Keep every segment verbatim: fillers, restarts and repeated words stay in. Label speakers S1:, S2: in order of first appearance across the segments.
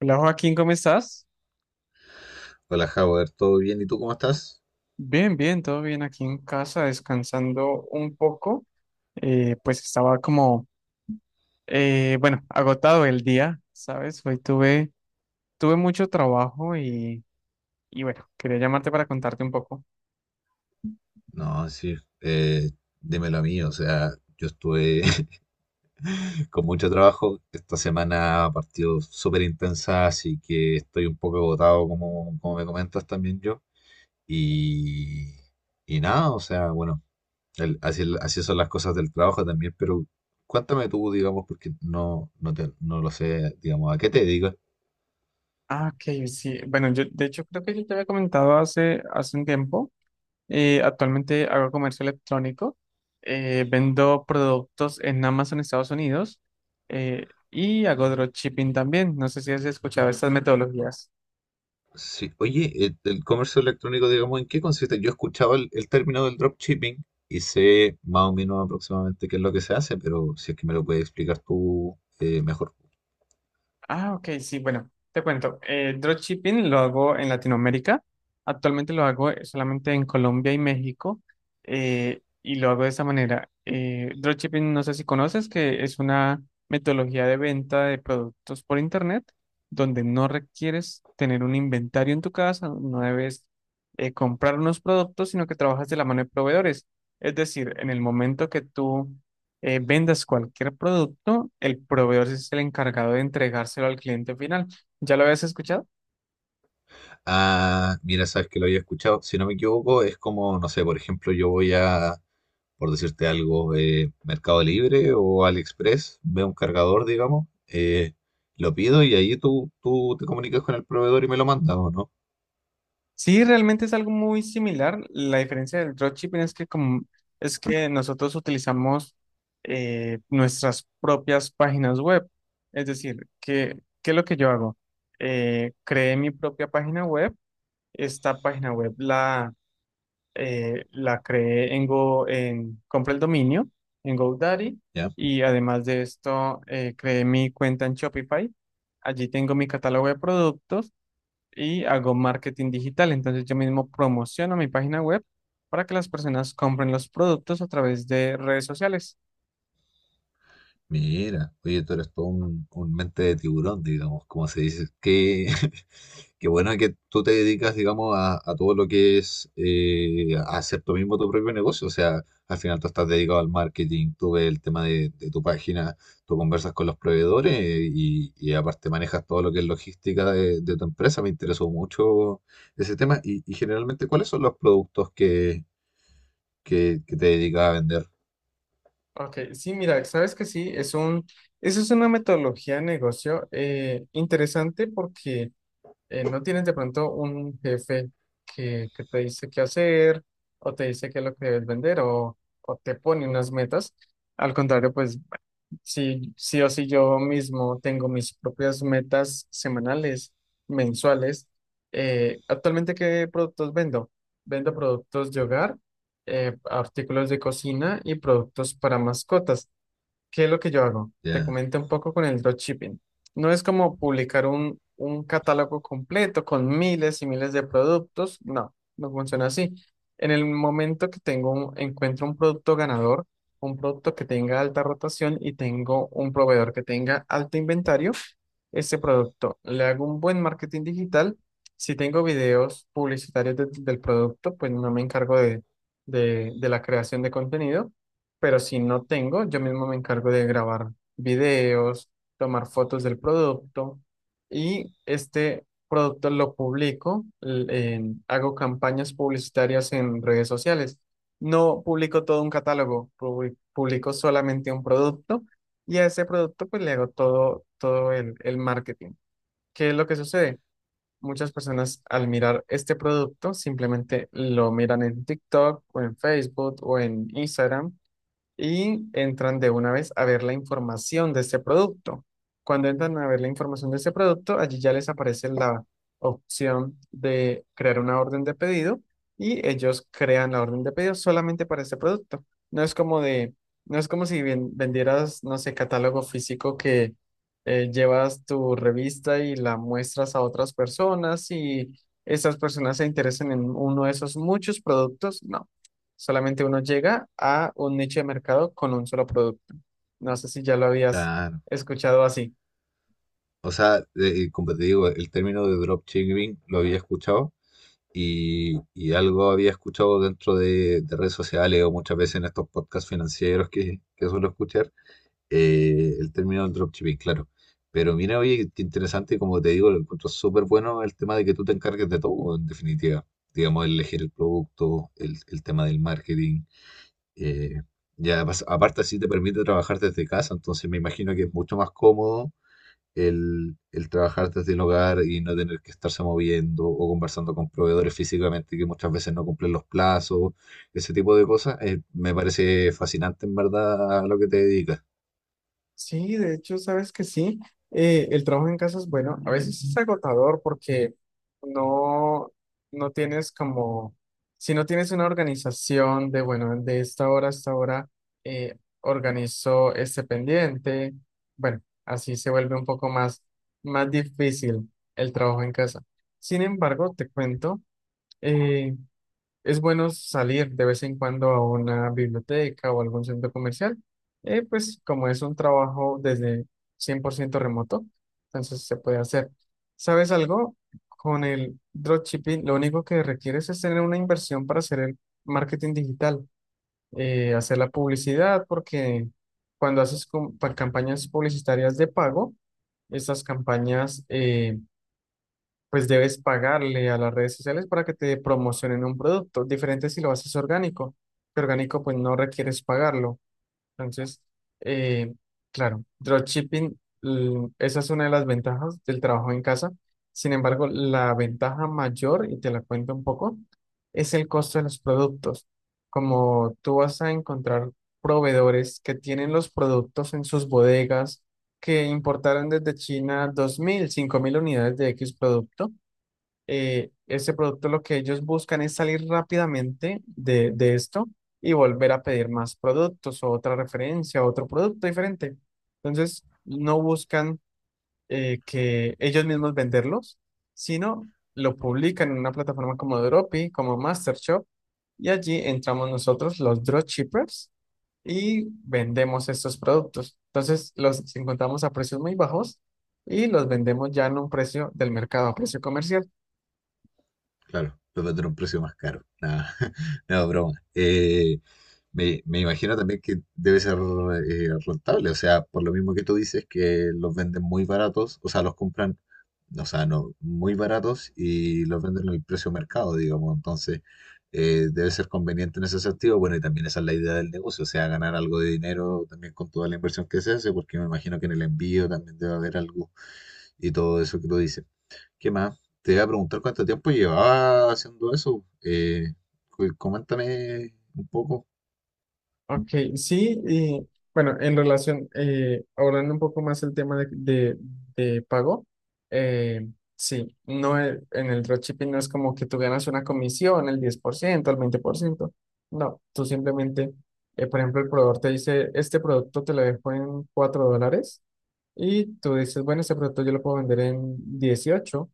S1: Hola Joaquín, ¿cómo estás?
S2: Hola, Howard, ¿todo bien? ¿Y tú cómo estás?
S1: Bien, bien, todo bien aquí en casa, descansando un poco. Eh, pues estaba como, eh, bueno, agotado el día, ¿sabes? Hoy tuve, tuve mucho trabajo y, y bueno, quería llamarte para contarte un poco.
S2: No, sí, eh, dímelo a mí, o sea, yo estuve con mucho trabajo, esta semana ha partido súper intensa, así que estoy un poco agotado, como, como me comentas también yo, y, y nada, o sea, bueno, el- así, así son las cosas del trabajo también, pero cuéntame tú, digamos, porque no, no, te- no lo sé, digamos, ¿a qué te dedicas?
S1: Ah, ok, sí. Bueno, yo de hecho creo que yo te había comentado hace, hace un tiempo. Eh, actualmente hago comercio electrónico, eh, vendo productos en Amazon, Estados Unidos, eh, y hago dropshipping también. No sé si has escuchado estas metodologías.
S2: Sí. Oye, eh, el comercio electrónico, digamos, ¿en qué consiste? Yo escuchaba el, el término del dropshipping y sé más o menos aproximadamente qué es lo que se hace, pero si es que me lo puedes explicar tú eh, mejor.
S1: Ah, ok, sí, bueno, te cuento. Eh, dropshipping lo hago en Latinoamérica. Actualmente lo hago eh, solamente en Colombia y México. eh, y lo hago de esa manera. Eh, dropshipping, no sé si conoces, que es una metodología de venta de productos por internet donde no requieres tener un inventario en tu casa, no debes eh, comprar unos productos, sino que trabajas de la mano de proveedores. Es decir, en el momento que tú eh, vendas cualquier producto, el proveedor sí es el encargado de entregárselo al cliente final. ¿Ya lo habías escuchado?
S2: Ah, mira, sabes que lo había escuchado. Si no me equivoco, es como, no sé, por ejemplo, yo voy a, por decirte algo, eh, Mercado Libre o AliExpress, veo un cargador, digamos, eh, lo pido y ahí tú, tú te comunicas con el proveedor y me lo mandas, ¿o no?
S1: Sí, realmente es algo muy similar. La diferencia del dropshipping es que como es que nosotros utilizamos eh, nuestras propias páginas web. Es decir, que ¿qué es lo que yo hago? Eh, creé mi propia página web. Esta página web, la eh, la creé en Go, en, compré el dominio en GoDaddy,
S2: ¿Ya?
S1: y además de esto eh, creé mi cuenta en Shopify. Allí tengo mi catálogo de productos y hago marketing digital. Entonces yo mismo promociono mi página web para que las personas compren los productos a través de redes sociales.
S2: Mira, oye, tú eres todo un, un mente de tiburón, digamos, como se dice. Qué, qué bueno que tú te dedicas, digamos, a, a todo lo que es eh, a hacer tú mismo tu propio negocio. O sea, al final tú estás dedicado al marketing, tú ves el tema de, de tu página, tú conversas con los proveedores eh, y, y aparte manejas todo lo que es logística de, de tu empresa. Me interesó mucho ese tema. Y, y generalmente, ¿cuáles son los productos que, que, que te dedicas a vender?
S1: Ok, sí, mira, sabes que sí, es un, eso es una metodología de negocio eh, interesante, porque eh, ¿no tienes de pronto un jefe que, que te dice qué hacer, o te dice qué es lo que debes vender, o, o te pone unas metas? Al contrario, pues sí, sí o sí yo mismo tengo mis propias metas semanales, mensuales. Eh, actualmente, ¿qué productos vendo? Vendo productos de hogar, eh, artículos de cocina y productos para mascotas. ¿Qué es lo que yo hago? Te
S2: Ya,
S1: comento un poco con el dropshipping. No es como publicar un, un catálogo completo con miles y miles de productos. No, no funciona así. En el momento que tengo un- encuentro un producto ganador, un producto que tenga alta rotación y tengo un proveedor que tenga alto inventario, ese producto le hago un buen marketing digital. Si tengo videos publicitarios de- del producto, pues no me encargo de, de de la creación de contenido, pero si no tengo, yo mismo me encargo de grabar videos, tomar fotos del producto, y este producto lo publico, l- en- hago campañas publicitarias en redes sociales. No publico todo un catálogo, publi- publico solamente un producto, y a ese producto pues le hago todo, todo el, el marketing. ¿Qué es lo que sucede? Muchas personas al mirar este producto simplemente lo miran en TikTok o en Facebook o en Instagram y entran de una vez a ver la información de este producto. Cuando entran a ver la información de este producto, allí ya les aparece la opción de crear una orden de pedido, y ellos crean la orden de pedido solamente para este producto. No es como de, no es como si ven- vendieras, no sé, catálogo físico que eh, llevas tu revista y la muestras a otras personas, y esas personas se interesan en uno de esos muchos productos. No. Solamente uno llega a un nicho de mercado con un solo producto. No sé si ya lo habías
S2: claro.
S1: escuchado así.
S2: O sea, de- como te digo, el término de dropshipping lo había escuchado y, y algo había escuchado dentro de, de redes sociales o muchas veces en estos podcasts financieros que, que suelo escuchar, eh, el término del dropshipping, claro. Pero mira, oye, qué interesante, y como te digo, lo encuentro súper bueno el tema de que tú te encargues de todo, en definitiva. Digamos, el elegir el producto, el, el tema del marketing. eh, ya, pas- aparte, así te permite trabajar desde casa, entonces me imagino que es mucho más cómodo el, el trabajar desde el hogar y no tener que estarse moviendo o conversando con proveedores físicamente que muchas veces no cumplen los plazos, ese tipo de cosas, eh, me parece fascinante en verdad lo que te dedicas.
S1: Sí, de hecho, sabes que sí. Eh, el trabajo en casa es bueno. A veces es agotador porque no, no tienes como, si no tienes una organización de, bueno, de esta hora a esta hora, eh, organizo este pendiente. Bueno, así se vuelve un poco más, más difícil el trabajo en casa. Sin embargo, te cuento, eh, es bueno salir de vez en cuando a una biblioteca o algún centro comercial, eh, pues como es un trabajo desde cien por ciento remoto, entonces se puede hacer. ¿Sabes algo? Con el dropshipping, lo único que requieres es tener una inversión para hacer el marketing digital, eh, hacer la publicidad, porque cuando haces com- pa- campañas publicitarias de pago, estas campañas, eh, pues debes pagarle a las redes sociales para que te promocionen un producto. Diferente si lo haces orgánico, que orgánico pues no requieres pagarlo. Entonces, eh, claro, dropshipping, l- esa es una de las ventajas del trabajo en casa. Sin embargo, la ventaja mayor, y te la cuento un poco, es el costo de los productos. Como tú vas a encontrar proveedores que tienen los productos en sus bodegas, que importaron desde China dos mil, cinco mil unidades de X producto, eh, ese producto lo que ellos buscan es salir rápidamente de, de esto y volver a pedir más productos, o otra referencia, otro producto diferente. Entonces, no buscan eh, que ellos mismos venderlos, sino lo publican en una plataforma como Dropi, como MasterShop, y allí entramos nosotros, los dropshippers, y vendemos estos productos. Entonces, los encontramos a precios muy bajos y los vendemos ya en un precio del mercado, a precio comercial.
S2: Claro, puede a un precio más caro. Nada, no, broma. Eh, me, me imagino también que debe ser eh, rentable, o sea, por lo mismo que tú dices, que los venden muy baratos, o sea, los compran, o sea, no, muy baratos y los venden al precio mercado, digamos. Entonces, eh, debe ser conveniente en ese sentido. Bueno, y también esa es la idea del negocio, o sea, ganar algo de dinero también con toda la inversión que se hace, porque me imagino que en el envío también debe haber algo y todo eso que tú dices. ¿Qué más? Te voy a preguntar cuánto tiempo llevaba haciendo eso. Eh, cu- coméntame un poco.
S1: Ok, sí, y bueno, en relación, eh, abordando un poco más el tema de, de- de pago, eh, sí, no e- en el dropshipping no es como que tú ganas una comisión, el diez por ciento, el veinte por ciento, no, tú simplemente, eh, por ejemplo, el proveedor te dice, este producto te lo dejo en cuatro dólares, y tú dices, bueno, ese producto yo lo puedo vender en dieciocho.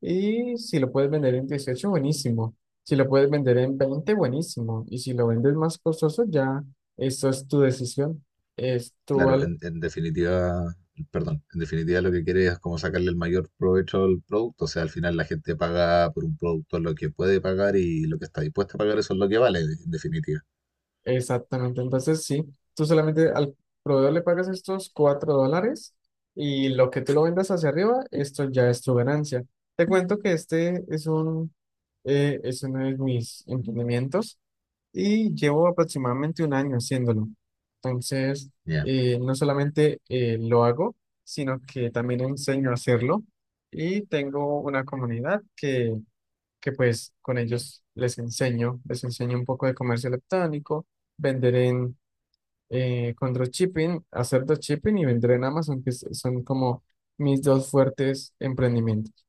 S1: Y si lo puedes vender en dieciocho, buenísimo. Si lo puedes vender en veinte, buenísimo. Y si lo vendes más costoso, ya eso es tu decisión. Es tu
S2: Claro,
S1: al...
S2: en, en definitiva, perdón, en definitiva lo que quieres es como sacarle el mayor provecho al producto. O sea, al final la gente paga por un producto lo que puede pagar y lo que está dispuesta a pagar, eso es lo que vale, en definitiva.
S1: Exactamente. Entonces, sí, tú solamente al proveedor le pagas estos cuatro dólares, y lo que tú lo vendas hacia arriba, esto ya es tu ganancia. Te cuento que este es un, eh, es uno de mis emprendimientos, y llevo aproximadamente un año haciéndolo. Entonces,
S2: Ya.
S1: eh, no solamente eh, lo hago, sino que también enseño a hacerlo, y tengo una comunidad que, que pues con ellos les enseño, les enseño un poco de comercio electrónico, vender en, eh, con dropshipping, hacer dropshipping y vender en Amazon, que es- son como mis dos fuertes emprendimientos.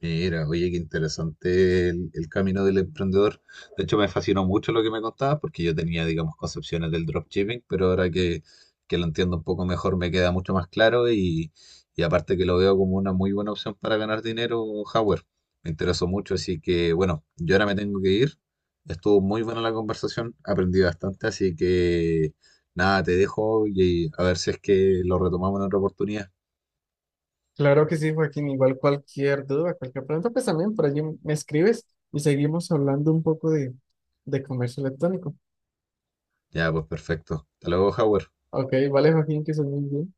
S2: Mira, oye, qué interesante el, el camino del emprendedor. De hecho, me fascinó mucho lo que me contabas porque yo tenía, digamos, concepciones del dropshipping, pero ahora que, que lo entiendo un poco mejor me queda mucho más claro y, y aparte que lo veo como una muy buena opción para ganar dinero, Howard. Me interesó mucho, así que bueno, yo ahora me tengo que ir. Estuvo muy buena la conversación, aprendí bastante, así que nada, te dejo y a ver si es que lo retomamos en otra oportunidad.
S1: Claro que sí, Joaquín. Igual cualquier duda, cualquier pregunta, pues también por allí me escribes y seguimos hablando un poco de, de comercio electrónico.
S2: Ya, pues perfecto. Hasta luego, Howard.
S1: Ok, vale, Joaquín, que soy muy bien.